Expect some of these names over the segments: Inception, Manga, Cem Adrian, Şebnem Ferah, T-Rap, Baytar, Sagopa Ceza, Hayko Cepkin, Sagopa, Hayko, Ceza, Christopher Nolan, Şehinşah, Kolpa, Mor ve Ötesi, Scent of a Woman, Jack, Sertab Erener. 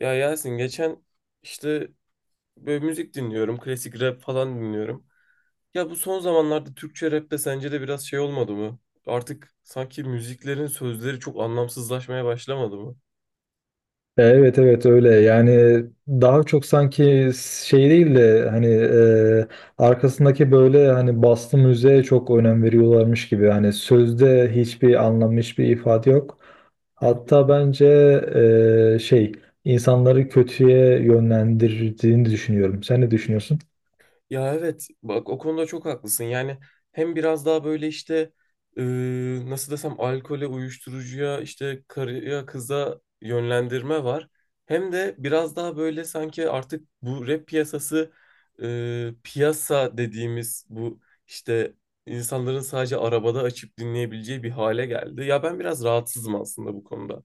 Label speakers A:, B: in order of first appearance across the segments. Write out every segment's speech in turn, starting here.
A: Ya Yasin geçen işte böyle müzik dinliyorum. Klasik rap falan dinliyorum. Ya bu son zamanlarda Türkçe rapte sence de biraz şey olmadı mı? Artık sanki müziklerin sözleri çok anlamsızlaşmaya başlamadı mı?
B: Evet, evet, öyle yani daha çok sanki şey değil de hani arkasındaki böyle hani bastı müziğe çok önem veriyorlarmış gibi hani sözde hiçbir anlam hiçbir ifade yok.
A: Hı,
B: Hatta bence şey insanları kötüye yönlendirdiğini düşünüyorum. Sen ne düşünüyorsun?
A: ya evet bak o konuda çok haklısın. Yani hem biraz daha böyle işte e, nasıl desem alkole, uyuşturucuya, işte karıya, kıza yönlendirme var. Hem de biraz daha böyle sanki artık bu rap piyasası, piyasa dediğimiz bu işte insanların sadece arabada açıp dinleyebileceği bir hale geldi. Ya ben biraz rahatsızım aslında bu konuda.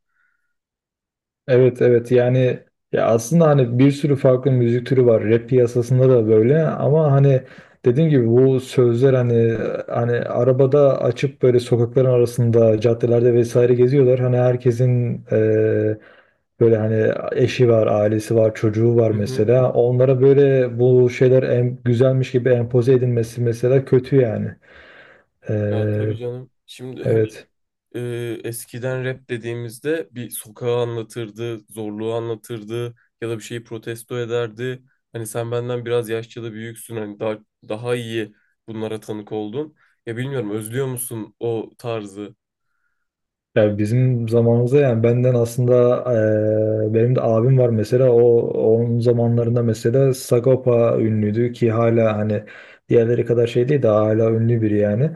B: Evet, evet, yani ya aslında hani bir sürü farklı müzik türü var rap piyasasında da böyle ama hani dediğim gibi bu sözler hani hani arabada açıp böyle sokakların arasında caddelerde vesaire geziyorlar hani herkesin böyle hani eşi var ailesi var çocuğu var
A: Hı hı.
B: mesela onlara böyle bu şeyler güzelmiş gibi empoze edilmesi mesela kötü yani.
A: Ya
B: Eee,
A: tabii canım. Şimdi hani
B: evet.
A: e, eskiden rap dediğimizde bir sokağı anlatırdı, zorluğu anlatırdı ya da bir şeyi protesto ederdi. Hani sen benden biraz yaşça da büyüksün, hani daha iyi bunlara tanık oldun. Ya bilmiyorum, özlüyor musun o tarzı?
B: Ya bizim zamanımızda yani benden aslında benim de abim var mesela onun zamanlarında mesela Sagopa ünlüydü ki hala hani diğerleri kadar şey değil de hala ünlü biri yani.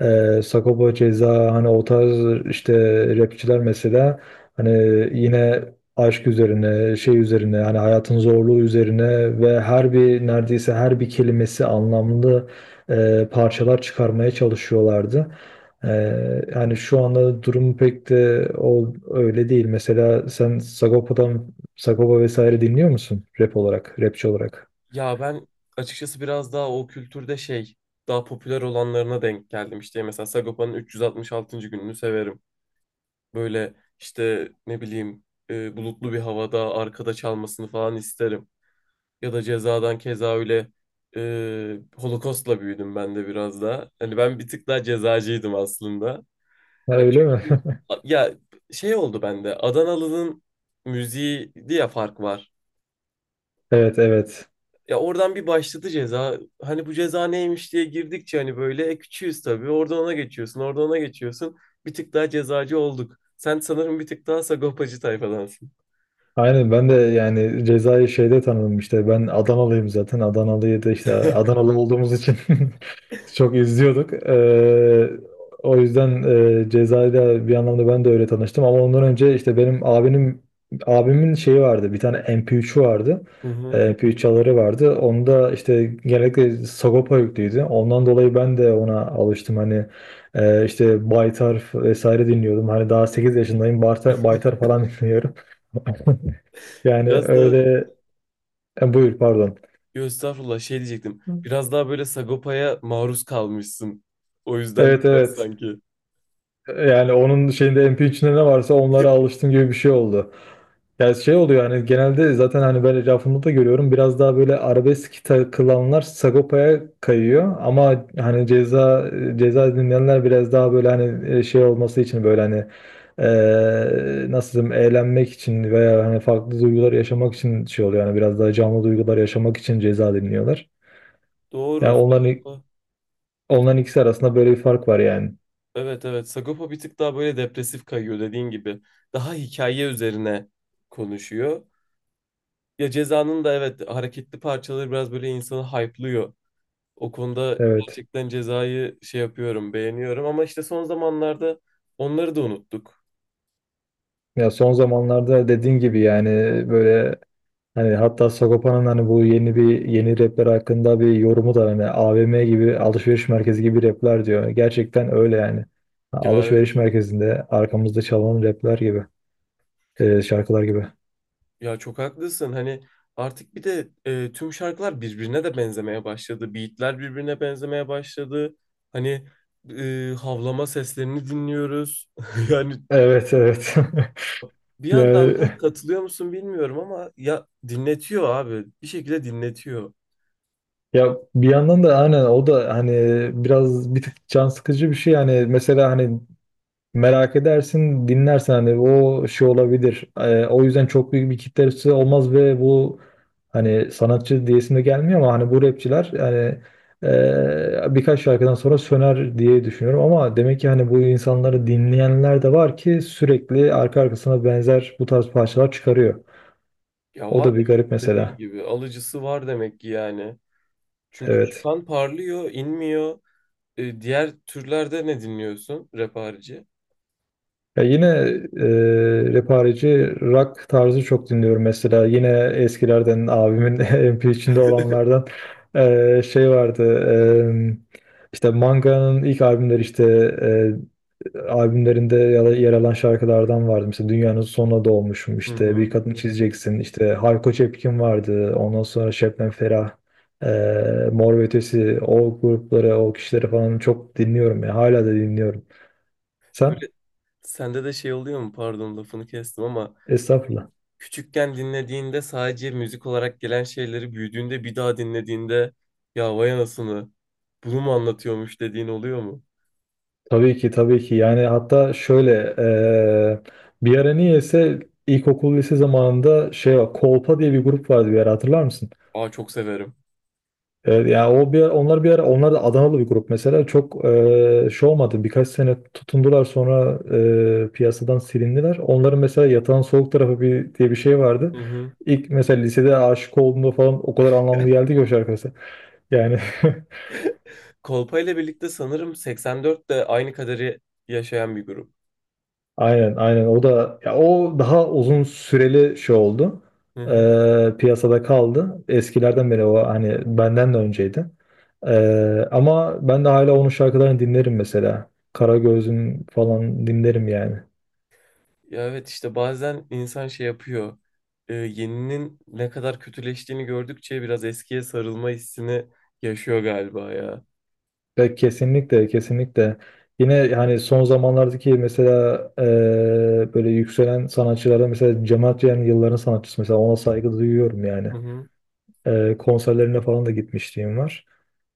B: Sagopa Ceza hani o tarz işte rapçiler mesela hani yine aşk üzerine şey üzerine hani hayatın zorluğu üzerine ve her bir neredeyse her bir kelimesi anlamlı parçalar çıkarmaya çalışıyorlardı. Yani şu anda durum pek de öyle değil. Mesela sen Sagopa'dan Sagopa vesaire dinliyor musun? Rap olarak, rapçi olarak.
A: Ya ben açıkçası biraz daha o kültürde şey, daha popüler olanlarına denk geldim. İşte mesela Sagopa'nın 366. gününü severim. Böyle işte ne bileyim, bulutlu bir havada arkada çalmasını falan isterim. Ya da cezadan keza öyle, Holocaust'la büyüdüm ben de biraz daha. Hani ben bir tık daha cezacıydım aslında.
B: Ha,
A: Ya
B: öyle mi?
A: çünkü ya şey oldu bende, Adanalı'nın müziği diye fark var.
B: Evet, evet.
A: Ya oradan bir başladı ceza. Hani bu ceza neymiş diye girdikçe hani böyle, küçüğüz tabii. Oradan ona geçiyorsun, oradan ona geçiyorsun. Bir tık daha cezacı olduk. Sen sanırım bir tık daha sagopacı tayfadansın.
B: Aynen ben de yani cezayı şeyde tanıdım işte ben Adanalıyım zaten Adanalıyı da işte Adanalı olduğumuz için çok izliyorduk. O yüzden cezayla bir anlamda ben de öyle tanıştım ama ondan önce işte benim abimin şeyi vardı bir tane MP3'ü vardı.
A: Hı hı.
B: MP3 çaları vardı. Onda işte genellikle Sagopa yüklüydü. Ondan dolayı ben de ona alıştım. Hani işte Baytar vesaire dinliyordum. Hani daha 8 yaşındayım. Baytar falan dinliyorum. Yani
A: Biraz da
B: öyle, buyur pardon.
A: yo, estağfurullah, şey diyecektim.
B: Hı.
A: Biraz daha böyle Sagopa'ya maruz kalmışsın. O yüzden de
B: Evet,
A: biraz
B: evet.
A: sanki.
B: Yani onun şeyinde MP3'ünde ne varsa onlara alıştım gibi bir şey oldu. Yani şey oluyor yani genelde zaten hani ben etrafımda da görüyorum biraz daha böyle arabesk takılanlar Sagopa'ya kayıyor ama hani ceza ceza dinleyenler biraz daha böyle hani şey olması için böyle hani nasıl diyeyim eğlenmek için veya hani farklı duygular yaşamak için şey oluyor yani biraz daha canlı duygular yaşamak için ceza dinliyorlar. Yani
A: Doğru.
B: onların
A: Bir-
B: Onların ikisi arasında böyle bir fark var yani.
A: evet evet. Sagopa bir tık daha böyle depresif kayıyor, dediğin gibi. Daha hikaye üzerine konuşuyor. Ya Ceza'nın da evet hareketli parçaları biraz böyle insanı hype'lıyor. O konuda
B: Evet.
A: gerçekten Ceza'yı şey yapıyorum, beğeniyorum, ama işte son zamanlarda onları da unuttuk.
B: Ya son zamanlarda dediğin gibi yani böyle hani hatta Sagopa'nın hani bu yeni bir yeni rapler hakkında bir yorumu da hani AVM gibi alışveriş merkezi gibi rapler diyor. Gerçekten öyle yani.
A: Ya
B: Alışveriş merkezinde arkamızda çalan rapler gibi, şarkılar gibi.
A: Ya çok haklısın. Hani artık bir de tüm şarkılar birbirine de benzemeye başladı. Beatler birbirine benzemeye başladı. Hani havlama seslerini dinliyoruz. Yani
B: Evet, evet.
A: bir yandan
B: Yani
A: da katılıyor musun bilmiyorum ama ya dinletiyor abi. Bir şekilde dinletiyor.
B: ya bir yandan da aynen o da hani biraz bir tık can sıkıcı bir şey yani mesela hani merak edersin dinlersen hani o şey olabilir. O yüzden çok büyük bir kitlesi olmaz ve bu hani sanatçı diyesim de gelmiyor ama hani bu rapçiler yani birkaç şarkıdan sonra söner diye düşünüyorum ama demek ki hani bu insanları dinleyenler de var ki sürekli arka arkasına benzer bu tarz parçalar çıkarıyor.
A: Ya
B: O
A: var
B: da bir
A: demek ki,
B: garip
A: dediğin
B: mesela.
A: gibi, alıcısı var demek ki yani. Çünkü
B: Evet.
A: çıkan parlıyor, inmiyor. E, diğer türlerde ne dinliyorsun rap harici?
B: Ya yine rapareci rock tarzı çok dinliyorum mesela. Yine eskilerden abimin MP içinde olanlardan şey vardı. İşte Manga'nın ilk albümleri işte albümlerinde ya da yer alan şarkılardan vardı. Mesela Dünyanın Sonuna Doğmuşum
A: Hı
B: işte Bir
A: hı.
B: Kadın Çizeceksin işte Hayko Cepkin vardı. Ondan sonra Şebnem Ferah, Mor ve Ötesi, o grupları o kişileri falan çok dinliyorum ya hala da dinliyorum. Sen?
A: Böyle sende de şey oluyor mu? Pardon, lafını kestim ama
B: Estağfurullah.
A: küçükken dinlediğinde sadece müzik olarak gelen şeyleri büyüdüğünde bir daha dinlediğinde ya vay anasını, bunu mu anlatıyormuş dediğin oluyor mu?
B: Tabii ki, tabii ki. Yani hatta şöyle bir ara niyeyse ilkokul lise zamanında şey var. Kolpa diye bir grup vardı bir ara, hatırlar mısın?
A: Aa, çok severim.
B: Evet, yani o bir onlar bir ara onlar da Adanalı bir grup mesela çok şey olmadı birkaç sene tutundular sonra piyasadan silindiler. Onların mesela Yatağın Soğuk Tarafı bir, diye bir şey vardı.
A: Hı hı.
B: İlk mesela lisede aşık olduğumda falan o kadar anlamlı geldi ki o şarkısı. Yani
A: Kolpa ile birlikte sanırım 84'te de aynı kaderi yaşayan bir grup.
B: aynen, aynen, o da ya o daha uzun süreli şey oldu.
A: Hı hı.
B: Piyasada kaldı. Eskilerden beri o hani benden de önceydi. Ama ben de hala onun şarkılarını dinlerim mesela. Karagöz'ün falan dinlerim yani.
A: Ya evet, işte bazen insan şey yapıyor. E, yeninin ne kadar kötüleştiğini gördükçe biraz eskiye sarılma hissini yaşıyor galiba ya.
B: Ya kesinlikle, kesinlikle, yine yani son zamanlardaki mesela böyle yükselen sanatçılarda mesela Cem Adrian yılların sanatçısı mesela ona saygı duyuyorum yani.
A: Hı hı.
B: Konserlerine falan da gitmişliğim var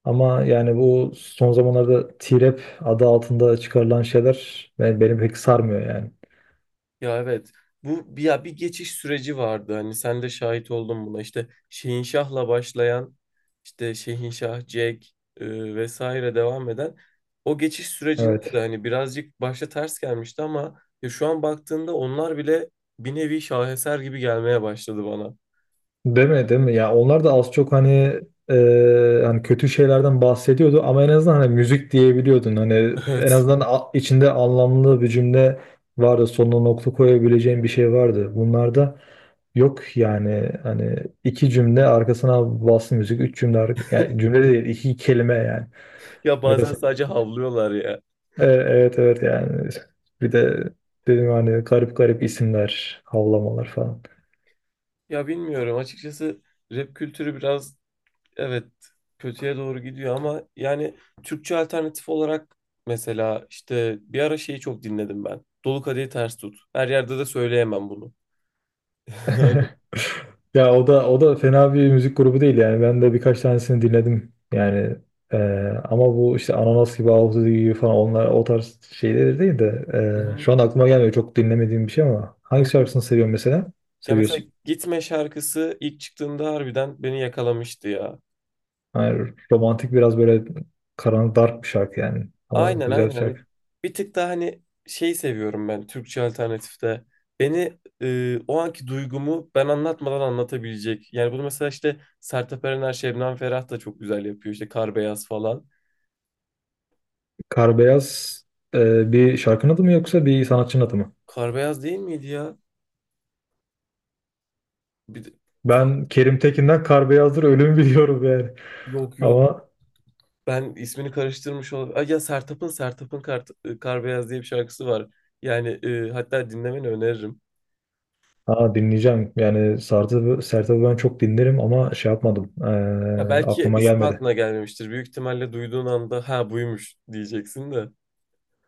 B: ama yani bu son zamanlarda T-Rap adı altında çıkarılan şeyler beni pek sarmıyor yani,
A: Ya evet. Bu bir, ya bir geçiş süreci vardı. Hani sen de şahit oldun buna. İşte Şehinşah'la başlayan, işte Şehinşah, Jack, vesaire devam eden o geçiş sürecinde de
B: evet.
A: hani birazcık başta ters gelmişti ama ya şu an baktığında onlar bile bir nevi şaheser gibi gelmeye başladı bana.
B: Değil mi, değil mi? Ya onlar da az çok hani hani kötü şeylerden bahsediyordu ama en azından hani müzik diyebiliyordun. Hani en
A: Evet.
B: azından içinde anlamlı bir cümle vardı. Sonuna nokta koyabileceğin bir şey vardı. Bunlarda yok yani hani iki cümle arkasına bastı müzik. Üç cümle yani cümle değil iki kelime yani.
A: Ya bazen
B: Arkasına,
A: sadece havlıyorlar ya.
B: Evet, evet, yani bir de dedim hani garip garip isimler, havlamalar falan.
A: Ya bilmiyorum açıkçası, rap kültürü biraz evet, kötüye doğru gidiyor ama yani Türkçe alternatif olarak mesela işte bir ara şeyi çok dinledim ben. Dolu kadehi ters tut. Her yerde de söyleyemem bunu.
B: Ya o da o da fena bir müzik grubu değil yani ben de birkaç tanesini dinledim yani, e, ama bu işte Ananas gibi Ağustos gibi falan onlar o tarz şeyler değil de
A: Hı hı,
B: şu an aklıma gelmiyor çok dinlemediğim bir şey ama
A: hı
B: hangi
A: hı.
B: şarkısını seviyorsun mesela?
A: Ya mesela
B: Seviyorsun.
A: Gitme şarkısı ilk çıktığında harbiden beni yakalamıştı ya.
B: Yani romantik biraz böyle karanlık dark bir şarkı yani ama
A: Aynen
B: güzel bir
A: aynen. Hani
B: şarkı.
A: bir tık daha hani şey seviyorum ben Türkçe alternatifte. Beni, o anki duygumu ben anlatmadan anlatabilecek. Yani bunu mesela işte Sertab Erener, Şebnem Ferah da çok güzel yapıyor. İşte Kar Beyaz falan.
B: Kar Beyaz bir şarkının adı mı yoksa bir sanatçının adı mı?
A: Kar beyaz değil miydi ya? Bir de- Fa-
B: Ben Kerim Tekin'den Kar Beyazdır Ölümü biliyorum yani.
A: Yok yok.
B: Ama
A: Ben ismini karıştırmış oldum. Ay ya Sertab'ın Kar, Kar Beyaz diye bir şarkısı var. Yani hatta dinlemeni öneririm.
B: ha, dinleyeceğim. Yani Sertab'ı ben çok dinlerim ama şey yapmadım.
A: Ya ee, belki
B: Aklıma
A: ismi
B: gelmedi.
A: aklına gelmemiştir. Büyük ihtimalle duyduğun anda ha buymuş diyeceksin de.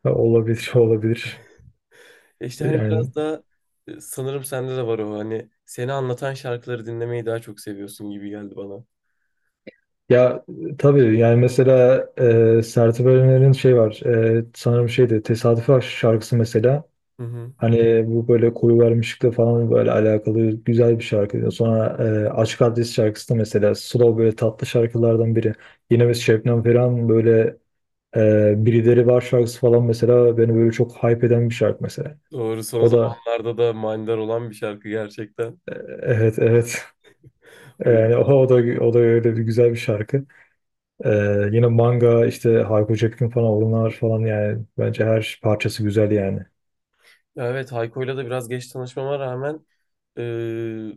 B: Ha, olabilir, olabilir.
A: E işte hani
B: Yani
A: biraz daha, sanırım sende de var o, hani seni anlatan şarkıları dinlemeyi daha çok seviyorsun gibi geldi bana.
B: ya tabii yani mesela Sertab Erener'in şey var. Sanırım şeydi Tesadüfi Aşk şarkısı mesela.
A: Hı hı.
B: Hani bu böyle koyu vermişlikle falan böyle alakalı güzel bir şarkı. Sonra Açık Adres şarkısı da mesela slow böyle tatlı şarkılardan biri. Yine biz Şebnem Ferah'ın böyle Birileri Var şarkısı falan mesela beni böyle çok hype eden bir şarkı mesela.
A: Doğru, son
B: O da
A: zamanlarda da manidar olan bir şarkı gerçekten.
B: evet, evet,
A: O
B: yani o da öyle bir güzel bir şarkı. Ee, Yine Manga işte Hayko Cepkin falan onlar falan yani bence her parçası güzel yani.
A: evet, Hayko'yla da biraz geç tanışmama rağmen, e,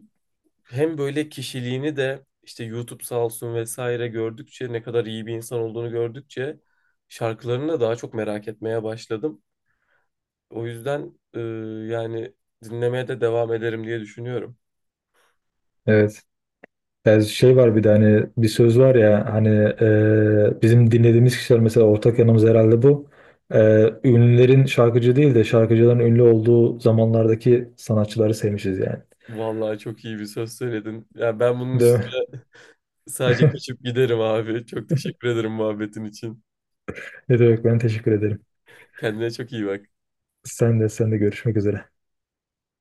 A: hem böyle kişiliğini de işte YouTube sağ olsun vesaire gördükçe ne kadar iyi bir insan olduğunu gördükçe şarkılarını da daha çok merak etmeye başladım. O yüzden yani dinlemeye de devam ederim diye düşünüyorum.
B: Evet. Yani şey var bir de hani bir söz var ya hani bizim dinlediğimiz kişiler mesela ortak yanımız herhalde bu. E, Ünlülerin şarkıcı değil de şarkıcıların ünlü olduğu zamanlardaki sanatçıları sevmişiz yani.
A: Vallahi çok iyi bir söz söyledin. Ya ben bunun
B: Değil mi?
A: üstüne sadece kaçıp giderim abi. Çok teşekkür ederim muhabbetin için.
B: Ne demek, ben teşekkür ederim.
A: Kendine çok iyi bak.
B: Sen de görüşmek üzere.